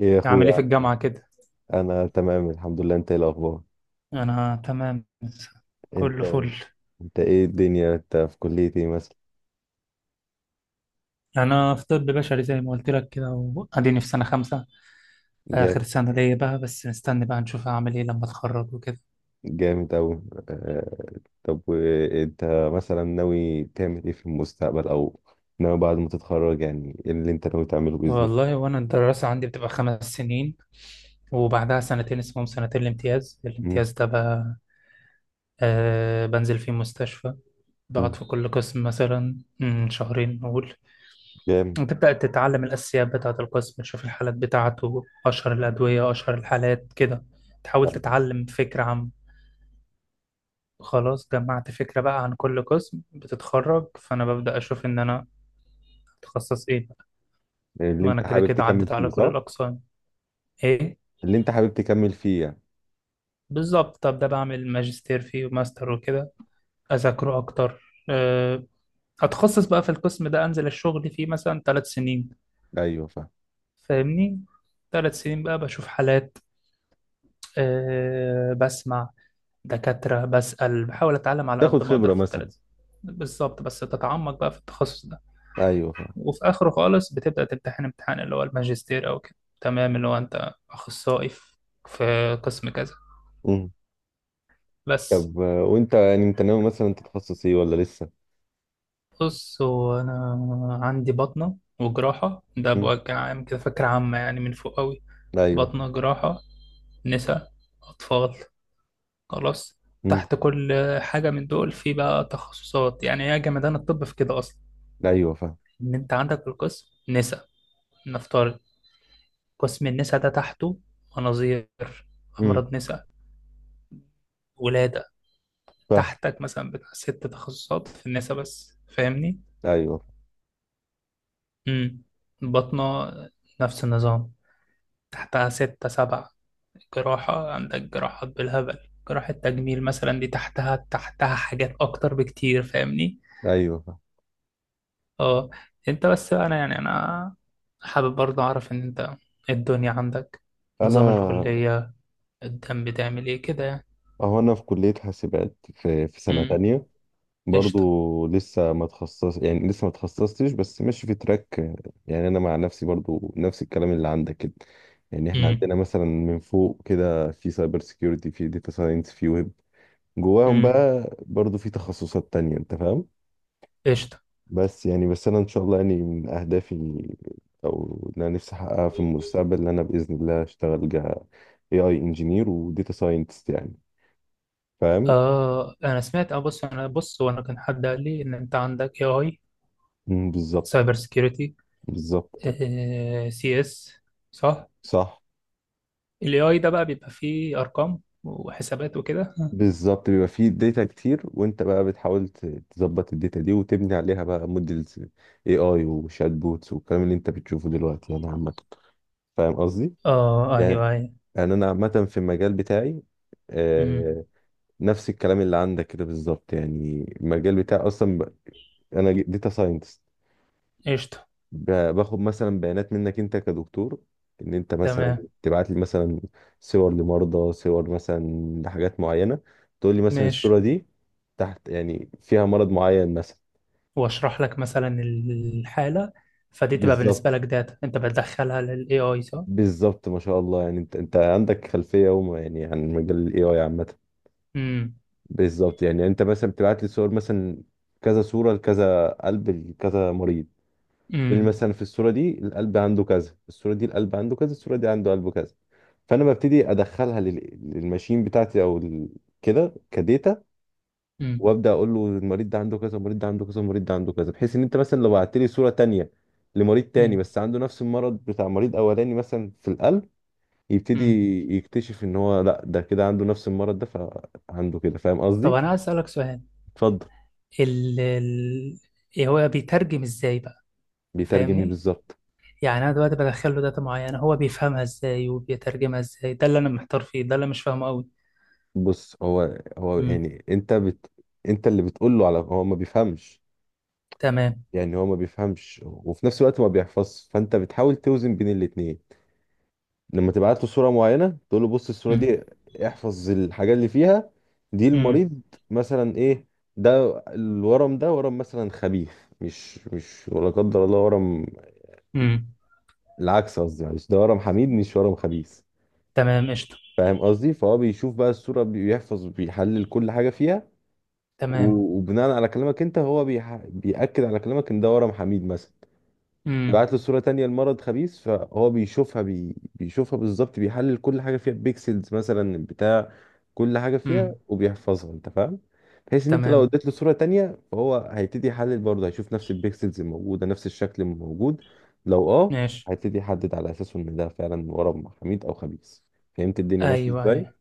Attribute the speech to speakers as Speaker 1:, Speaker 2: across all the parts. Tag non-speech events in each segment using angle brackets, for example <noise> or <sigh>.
Speaker 1: ايه يا
Speaker 2: أعمل إيه
Speaker 1: اخويا
Speaker 2: في
Speaker 1: عامل إيه؟
Speaker 2: الجامعة كده؟
Speaker 1: انا تمام الحمد لله، انت ايه الاخبار؟
Speaker 2: أنا تمام،
Speaker 1: انت
Speaker 2: كله فل.
Speaker 1: انت ايه الدنيا، انت في كلية ايه مثلا؟
Speaker 2: أنا في طب بشري زي ما قلت لك كده، وأديني في سنة 5. آخر
Speaker 1: جامد.
Speaker 2: سنة ليا بقى، بس مستني بقى نشوف هعمل إيه لما أتخرج وكده.
Speaker 1: جامد اوي. آه، طب، انت مثلا ناوي تعمل ايه في المستقبل او ناوي بعد ما تتخرج، يعني ايه اللي انت ناوي تعمله باذن الله؟
Speaker 2: والله، وأنا الدراسة عندي بتبقى 5 سنين، وبعدها سنتين اسمهم سنتين الامتياز.
Speaker 1: مم.
Speaker 2: الامتياز ده بقى، آه، بنزل فيه مستشفى،
Speaker 1: مم.
Speaker 2: بقعد في كل قسم مثلا شهرين نقول.
Speaker 1: جامد.
Speaker 2: وتبدأ تتعلم الأساسيات بتاعة القسم، تشوف الحالات بتاعته، أشهر الأدوية، أشهر الحالات كده، تحاول
Speaker 1: طيب.
Speaker 2: تتعلم فكرة عن... خلاص، جمعت فكرة بقى عن كل قسم، بتتخرج، فأنا ببدأ أشوف إن أنا أتخصص إيه.
Speaker 1: اللي
Speaker 2: ما أنا
Speaker 1: انت
Speaker 2: كده
Speaker 1: حابب
Speaker 2: كده
Speaker 1: تكمل
Speaker 2: عدت على
Speaker 1: فيه،
Speaker 2: كل
Speaker 1: صح؟
Speaker 2: الأقسام. إيه،
Speaker 1: اللي انت حابب تكمل فيه يعني.
Speaker 2: بالظبط. طب ده بعمل ماجستير فيه وماستر وكده، أذاكره أكتر، أه، أتخصص بقى في القسم ده، أنزل الشغل فيه مثلا 3 سنين.
Speaker 1: ايوه فاهم.
Speaker 2: فاهمني؟ 3 سنين بقى بشوف حالات، بسمع دكاترة، بسأل، بحاول أتعلم على
Speaker 1: تاخد
Speaker 2: قد ما أقدر
Speaker 1: خبرة
Speaker 2: في
Speaker 1: مثلا.
Speaker 2: التلاتة. بالظبط، بس تتعمق بقى في التخصص ده.
Speaker 1: ايوه فاهم.
Speaker 2: وفي آخره خالص بتبدأ تمتحن امتحان، اللي هو الماجستير أو كده. تمام، اللي هو أنت أخصائي في في قسم كذا.
Speaker 1: مم.
Speaker 2: بس.
Speaker 1: طب، وانت يعني انت ناوي مثلا تتخصص ايه ولا لسه؟
Speaker 2: بص، هو أنا عندي بطنة وجراحة، ده
Speaker 1: مم.
Speaker 2: بوجه عام كده، فكرة عامة يعني، من فوق أوي.
Speaker 1: ايوه.
Speaker 2: بطنة، جراحة، نساء، أطفال. خلاص.
Speaker 1: مم.
Speaker 2: تحت كل حاجة من دول في بقى تخصصات، يعني هي جمدان الطب في كده أصلا.
Speaker 1: ايوه فاهم.
Speaker 2: إن أنت عندك القسم نساء، نفترض، قسم النساء ده تحته مناظير،
Speaker 1: امم
Speaker 2: أمراض نساء، ولادة،
Speaker 1: فاهم.
Speaker 2: تحتك مثلا بتاع 6 تخصصات في النساء بس. فاهمني؟
Speaker 1: ايوه.
Speaker 2: امم. بطنة، نفس النظام، تحتها 6 7. جراحة، عندك جراحات بالهبل، جراحة تجميل مثلا، دي تحتها تحتها حاجات أكتر بكتير. فاهمني؟
Speaker 1: ايوه فاهم.
Speaker 2: اه انت بس بقى، انا حابب برضه اعرف ان انت إيه الدنيا عندك، نظام
Speaker 1: انا
Speaker 2: الكلية، الدم بتعمل ايه كده يعني.
Speaker 1: اهو انا في كليه حاسبات، في سنه
Speaker 2: امم.
Speaker 1: تانية.
Speaker 2: قشطة.
Speaker 1: برضو لسه ما تخصص، يعني لسه ما تخصصتش، بس ماشي في تراك. يعني انا مع نفسي برضو نفس الكلام اللي عندك كده. يعني احنا
Speaker 2: امم.
Speaker 1: عندنا مثلا من فوق كده في سايبر سيكيورتي، في داتا ساينس، في ويب. جواهم
Speaker 2: امم.
Speaker 1: بقى برضو في تخصصات تانية، انت فاهم.
Speaker 2: قشطة.
Speaker 1: بس يعني بس انا ان شاء الله يعني من اهدافي، او اللي انا نفسي احققها في المستقبل، ان انا باذن الله اشتغل ك AI انجينير وداتا ساينتست، يعني فاهم.
Speaker 2: آه، أنا سمعت. أه بص أنا بص، وأنا كان حد قال لي إن أنت عندك AI،
Speaker 1: مم. بالظبط.
Speaker 2: سايبر سيكيورتي،
Speaker 1: بالظبط.
Speaker 2: سي إس، صح؟
Speaker 1: صح.
Speaker 2: ال AI ده بقى بيبقى فيه أرقام وحسابات وكده.
Speaker 1: بالظبط بيبقى فيه داتا كتير، وانت بقى بتحاول تظبط الداتا دي وتبني عليها بقى موديلز AI وشات بوتس، والكلام اللي انت بتشوفه دلوقتي يعني عامه. فاهم قصدي.
Speaker 2: آه،
Speaker 1: يعني
Speaker 2: أيوه، أيوه.
Speaker 1: انا عامه في المجال بتاعي.
Speaker 2: امم.
Speaker 1: آه، نفس الكلام اللي عندك كده بالظبط، يعني المجال بتاعي اصلا انا داتا ساينتست.
Speaker 2: قشطة.
Speaker 1: باخد مثلا بيانات منك انت كدكتور، ان انت مثلا
Speaker 2: تمام.
Speaker 1: تبعت لي مثلا صور لمرضى، صور مثلا لحاجات معينه، تقول لي مثلا الصوره
Speaker 2: ماشي.
Speaker 1: دي تحت، يعني فيها مرض معين مثلا.
Speaker 2: وأشرح لك مثلا الحالة، فدي تبقى بالنسبة
Speaker 1: بالظبط.
Speaker 2: لك داتا أنت بتدخلها لل AI، صح؟
Speaker 1: بالظبط ما شاء الله، يعني انت عندك خلفيه وما يعني عن مجال الـAI عامه.
Speaker 2: امم.
Speaker 1: بالظبط يعني انت مثلا بتبعت لي صور مثلا كذا صوره لكذا قلب، لكذا مريض، تقول لي
Speaker 2: امم.
Speaker 1: مثلا في الصوره دي القلب عنده كذا، الصوره دي القلب عنده كذا، الصوره دي عنده قلبه كذا. فانا ببتدي ادخلها للماشين بتاعتي، او كده كديتا.
Speaker 2: امم.
Speaker 1: وابدا اقول له المريض ده عنده كذا، المريض ده عنده كذا، المريض ده عنده كذا، بحيث ان انت مثلا لو بعت لي صوره تانية لمريض تاني
Speaker 2: امم.
Speaker 1: بس عنده نفس المرض بتاع مريض اولاني مثلا في القلب، يبتدي
Speaker 2: امم.
Speaker 1: يكتشف ان هو لا، ده كده عنده نفس المرض ده، فعنده كده. فاهم
Speaker 2: طب أنا
Speaker 1: قصدي.
Speaker 2: عايز أسألك سؤال.
Speaker 1: اتفضل.
Speaker 2: ال ال إيه هو بيترجم ازاي بقى؟
Speaker 1: بيترجم لي
Speaker 2: فاهمني؟
Speaker 1: بالظبط.
Speaker 2: يعني انا دلوقتي بدخل له داتا معينه، هو بيفهمها ازاي وبيترجمها ازاي؟ ده اللي انا محتار فيه، ده اللي مش فاهمه قوي.
Speaker 1: بص هو هو
Speaker 2: امم.
Speaker 1: يعني انت انت اللي بتقول له على هو، ما بيفهمش.
Speaker 2: تمام.
Speaker 1: يعني هو ما بيفهمش، وفي نفس الوقت ما بيحفظش، فانت بتحاول توزن بين الاتنين. لما تبعت له صورة معينة تقول له بص الصورة
Speaker 2: امم.
Speaker 1: دي، احفظ الحاجات اللي فيها. دي
Speaker 2: امم.
Speaker 1: المريض مثلا ايه، ده الورم، ده ورم مثلا خبيث. مش ولا قدر الله ورم.
Speaker 2: امم.
Speaker 1: العكس قصدي معلش، ده ورم حميد مش ورم خبيث.
Speaker 2: تمام. قشطه.
Speaker 1: فاهم قصدي. فهو بيشوف بقى الصورة، بيحفظ، بيحلل كل حاجة فيها.
Speaker 2: تمام.
Speaker 1: وبناء على كلامك انت، هو بيأكد على كلامك ان ده ورم حميد مثلا.
Speaker 2: امم.
Speaker 1: يبعت له صورة تانية لمرض خبيث، فهو بيشوفها بيشوفها بالظبط، بيحلل كل حاجة فيها، بيكسلز مثلا بتاع كل حاجة فيها
Speaker 2: امم.
Speaker 1: وبيحفظها، انت فاهم. بحيث ان انت لو
Speaker 2: تمام.
Speaker 1: اديت له صورة تانية فهو هيبتدي يحلل برضه، هيشوف نفس البيكسلز الموجودة، نفس الشكل الموجود، لو
Speaker 2: ماشي.
Speaker 1: هيبتدي يحدد على اساسه ان ده فعلا ورم حميد او خبيث. فهمت الدنيا ماشية
Speaker 2: ايوه،
Speaker 1: ازاي.
Speaker 2: ايوه،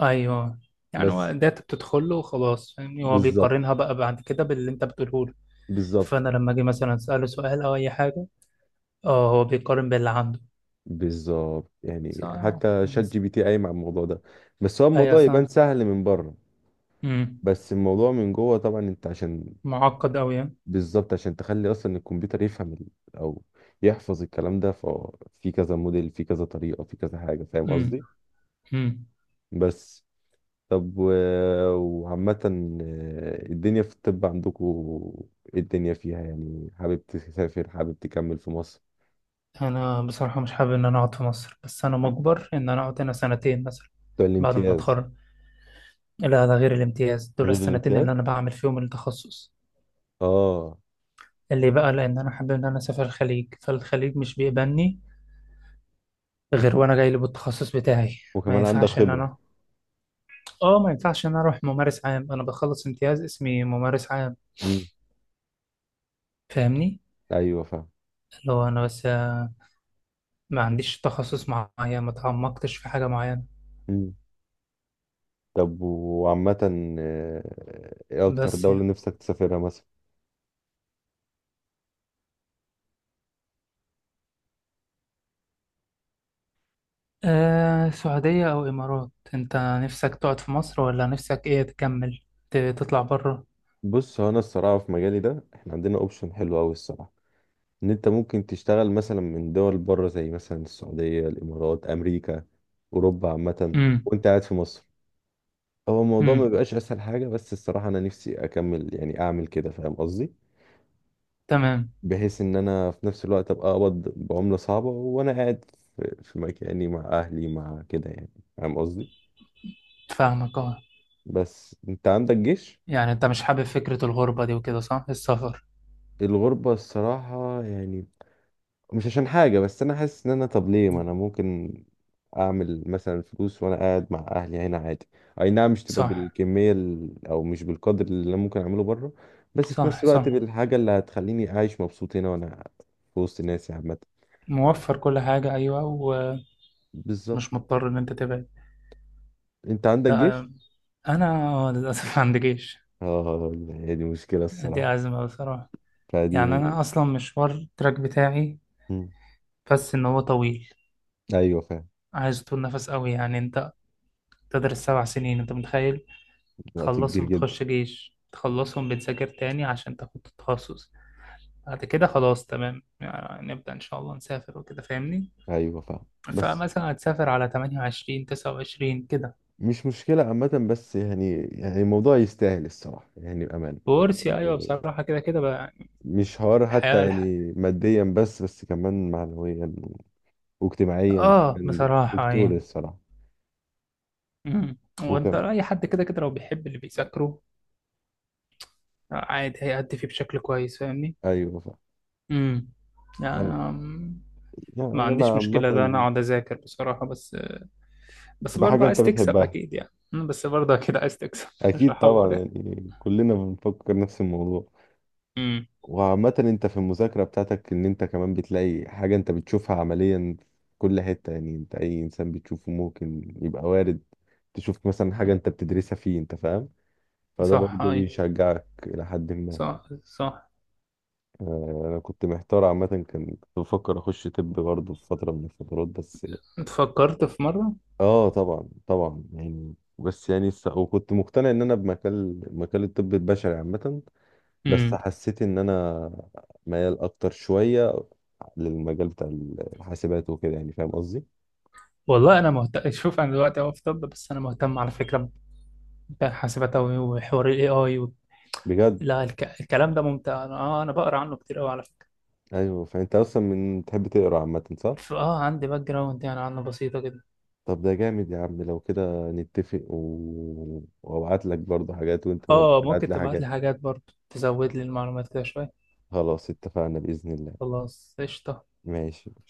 Speaker 2: ايوه، يعني هو
Speaker 1: بس.
Speaker 2: داتا بتدخل له وخلاص، فاهمني؟ هو
Speaker 1: بالظبط.
Speaker 2: بيقارنها بقى بعد كده باللي انت بتقوله له.
Speaker 1: بالظبط.
Speaker 2: فانا لما اجي مثلا اساله سؤال او اي حاجه، اه، هو بيقارن باللي عنده.
Speaker 1: بالظبط يعني
Speaker 2: صح،
Speaker 1: حتى شات جي
Speaker 2: مثلا.
Speaker 1: بي تي قايم على الموضوع ده. بس هو
Speaker 2: ايوه.
Speaker 1: الموضوع يبان سهل من بره.
Speaker 2: امم.
Speaker 1: بس الموضوع من جوه طبعا، انت عشان.
Speaker 2: معقد أوي يعني.
Speaker 1: بالظبط عشان تخلي اصلا الكمبيوتر يفهم او يحفظ الكلام ده، ففي كذا موديل، في كذا طريقة، في كذا حاجة. فاهم
Speaker 2: امم.
Speaker 1: قصدي.
Speaker 2: امم.
Speaker 1: بس. طب وعامة الدنيا في الطب عندكم ايه الدنيا فيها، يعني حابب تسافر، حابب تكمل في مصر؟
Speaker 2: أنا بصراحة مش حابب إن أنا أقعد في مصر، بس أنا مجبر إن أنا أقعد هنا سنتين مثلا
Speaker 1: بتوع
Speaker 2: بعد ما
Speaker 1: الامتياز.
Speaker 2: أتخرج. لا، ده غير الامتياز، دول
Speaker 1: غير
Speaker 2: السنتين
Speaker 1: الامتياز.
Speaker 2: اللي أنا بعمل فيهم التخصص،
Speaker 1: اه.
Speaker 2: اللي بقى لأن أنا حابب إن أنا أسافر الخليج، فالخليج مش بيقبلني غير وأنا جاي لي بالتخصص بتاعي. ما
Speaker 1: وكمان عندك
Speaker 2: ينفعش إن
Speaker 1: خبرة.
Speaker 2: أنا... آه، ما ينفعش إن أنا أروح ممارس عام، أنا بخلص امتياز اسمي ممارس عام.
Speaker 1: مم.
Speaker 2: فاهمني؟
Speaker 1: ايوه فاهم.
Speaker 2: اللي هو أنا بس. ما عنديش تخصص معين، ما تعمقتش في حاجة معينة.
Speaker 1: مم. طب وعامة، ايه اكتر
Speaker 2: بس
Speaker 1: دولة
Speaker 2: يعني
Speaker 1: نفسك تسافرها مثلا؟
Speaker 2: آه، سعودية أو إمارات، أنت نفسك تقعد في مصر ولا نفسك إيه، تكمل تطلع بره؟
Speaker 1: بص هو انا الصراحه في مجالي ده احنا عندنا اوبشن حلو قوي الصراحه، ان انت ممكن تشتغل مثلا من دول بره زي مثلا السعوديه، الامارات، امريكا، اوروبا عامه،
Speaker 2: امم.
Speaker 1: وانت قاعد في مصر. هو الموضوع ما
Speaker 2: امم.
Speaker 1: بيبقاش اسهل حاجه، بس الصراحه انا نفسي اكمل يعني اعمل كده، فاهم قصدي.
Speaker 2: تمام.
Speaker 1: بحيث ان انا في نفس الوقت ابقى اقبض بعمله صعبه وانا قاعد في مكاني مع اهلي مع كده يعني، فاهم قصدي.
Speaker 2: فاهمك، أه.
Speaker 1: بس انت عندك جيش.
Speaker 2: يعني أنت مش حابب فكرة الغربة دي وكده، صح؟ السفر؟
Speaker 1: الغربه الصراحه، يعني مش عشان حاجة، بس أنا حاسس إن أنا طب ليه ما
Speaker 2: مم.
Speaker 1: أنا ممكن أعمل مثلا فلوس وأنا قاعد مع أهلي هنا عادي. أي نعم مش تبقى
Speaker 2: صح،
Speaker 1: بالكمية أو مش بالقدر اللي أنا ممكن أعمله بره، بس في نفس
Speaker 2: صح.
Speaker 1: الوقت
Speaker 2: صح،
Speaker 1: بالحاجة اللي هتخليني عايش مبسوط هنا، وأنا في وسط ناسي عامة.
Speaker 2: موفر كل حاجة، أيوة، ومش
Speaker 1: بالظبط.
Speaker 2: مضطر إن أنت تبعد.
Speaker 1: أنت عندك
Speaker 2: لا
Speaker 1: جيش؟
Speaker 2: آه، أنا، للأسف <laughs> عندي جيش.
Speaker 1: آه، هي دي مشكلة
Speaker 2: دي
Speaker 1: الصراحة.
Speaker 2: أزمة بصراحة.
Speaker 1: فدي
Speaker 2: يعني أنا أصلا مشوار التراك بتاعي،
Speaker 1: مم.
Speaker 2: بس إن هو طويل.
Speaker 1: أيوه فاهم.
Speaker 2: عايز طول نفس قوي يعني، أنت تدرس 7 سنين، أنت متخيل؟
Speaker 1: وقت كبير
Speaker 2: تخلصهم
Speaker 1: جدا.
Speaker 2: بتخش جيش، تخلصهم بتذاكر تاني عشان تاخد التخصص، بعد كده خلاص، تمام يعني، نبدأ إن شاء الله نسافر وكده، فاهمني؟
Speaker 1: أيوه فاهم بس.
Speaker 2: فمثلا هتسافر على 28، 29 كده.
Speaker 1: مش مشكلة عامة، بس يعني الموضوع يستاهل الصراحة، يعني بأمان.
Speaker 2: وورثي، أيوه، بصراحة كده كده بقى يعني.
Speaker 1: مش حوار
Speaker 2: الحياة
Speaker 1: حتى
Speaker 2: الح...
Speaker 1: يعني ماديا، بس كمان معنويا واجتماعيا
Speaker 2: آه،
Speaker 1: كمان،
Speaker 2: بصراحة، أيوه.
Speaker 1: دكتور الصراحة.
Speaker 2: مم. وأنت
Speaker 1: وكم.
Speaker 2: أي حد كده كده لو بيحب اللي بيذاكره، عادي هيأدي فيه بشكل كويس. فاهمني؟
Speaker 1: أيوة فعلا.
Speaker 2: امم. يعني
Speaker 1: أنا يعني
Speaker 2: ما
Speaker 1: أنا
Speaker 2: عنديش مشكلة، ده
Speaker 1: عامة.
Speaker 2: أنا أقعد أذاكر بصراحة. بس بس
Speaker 1: تبقى
Speaker 2: برضه
Speaker 1: حاجة أنت
Speaker 2: عايز تكسب
Speaker 1: بتحبها.
Speaker 2: اكيد يعني، بس برضه اكيد عايز تكسب <laughs> مش
Speaker 1: أكيد
Speaker 2: هحور
Speaker 1: طبعا،
Speaker 2: يعني.
Speaker 1: يعني كلنا بنفكر نفس الموضوع.
Speaker 2: امم.
Speaker 1: وعامة أنت في المذاكرة بتاعتك، إن أنت كمان بتلاقي حاجة أنت بتشوفها عمليا في كل حتة، يعني أنت أي إنسان بتشوفه ممكن يبقى وارد تشوف مثلا حاجة أنت بتدرسها فيه، أنت فاهم. فده
Speaker 2: صح،
Speaker 1: برضه
Speaker 2: اي،
Speaker 1: بيشجعك إلى حد ما.
Speaker 2: صح، صح.
Speaker 1: انا كنت محتار عامه، كنت بفكر اخش طب برضه في فتره من الفترات بس.
Speaker 2: انت فكرت في مرة؟
Speaker 1: اه طبعا طبعا، يعني بس يعني وكنت مقتنع ان انا بمجال مجال الطب البشري عامه، بس
Speaker 2: امم.
Speaker 1: حسيت ان انا ميال اكتر شويه للمجال بتاع الحاسبات وكده يعني، فاهم قصدي.
Speaker 2: والله انا مهتم. شوف، انا دلوقتي اهو في طب، بس انا مهتم على فكرة بحاسبات أوي، وحوار الاي اي و...
Speaker 1: بجد.
Speaker 2: لا، الكلام ده ممتع. انا بقرا عنه كتير قوي على فكرة.
Speaker 1: ايوه فانت اصلا من تحب تقرا عامه صح؟
Speaker 2: عندي باك جراوند يعني عنه بسيطة كده.
Speaker 1: طب ده جامد يا عم، لو كده نتفق وابعت لك برضه حاجات، وانت برضه
Speaker 2: اه،
Speaker 1: تبعت
Speaker 2: ممكن
Speaker 1: لي
Speaker 2: تبعت لي
Speaker 1: حاجات.
Speaker 2: حاجات برضه تزود لي المعلومات كده شوية.
Speaker 1: خلاص اتفقنا باذن الله.
Speaker 2: خلاص، قشطة.
Speaker 1: ماشي. ماشي.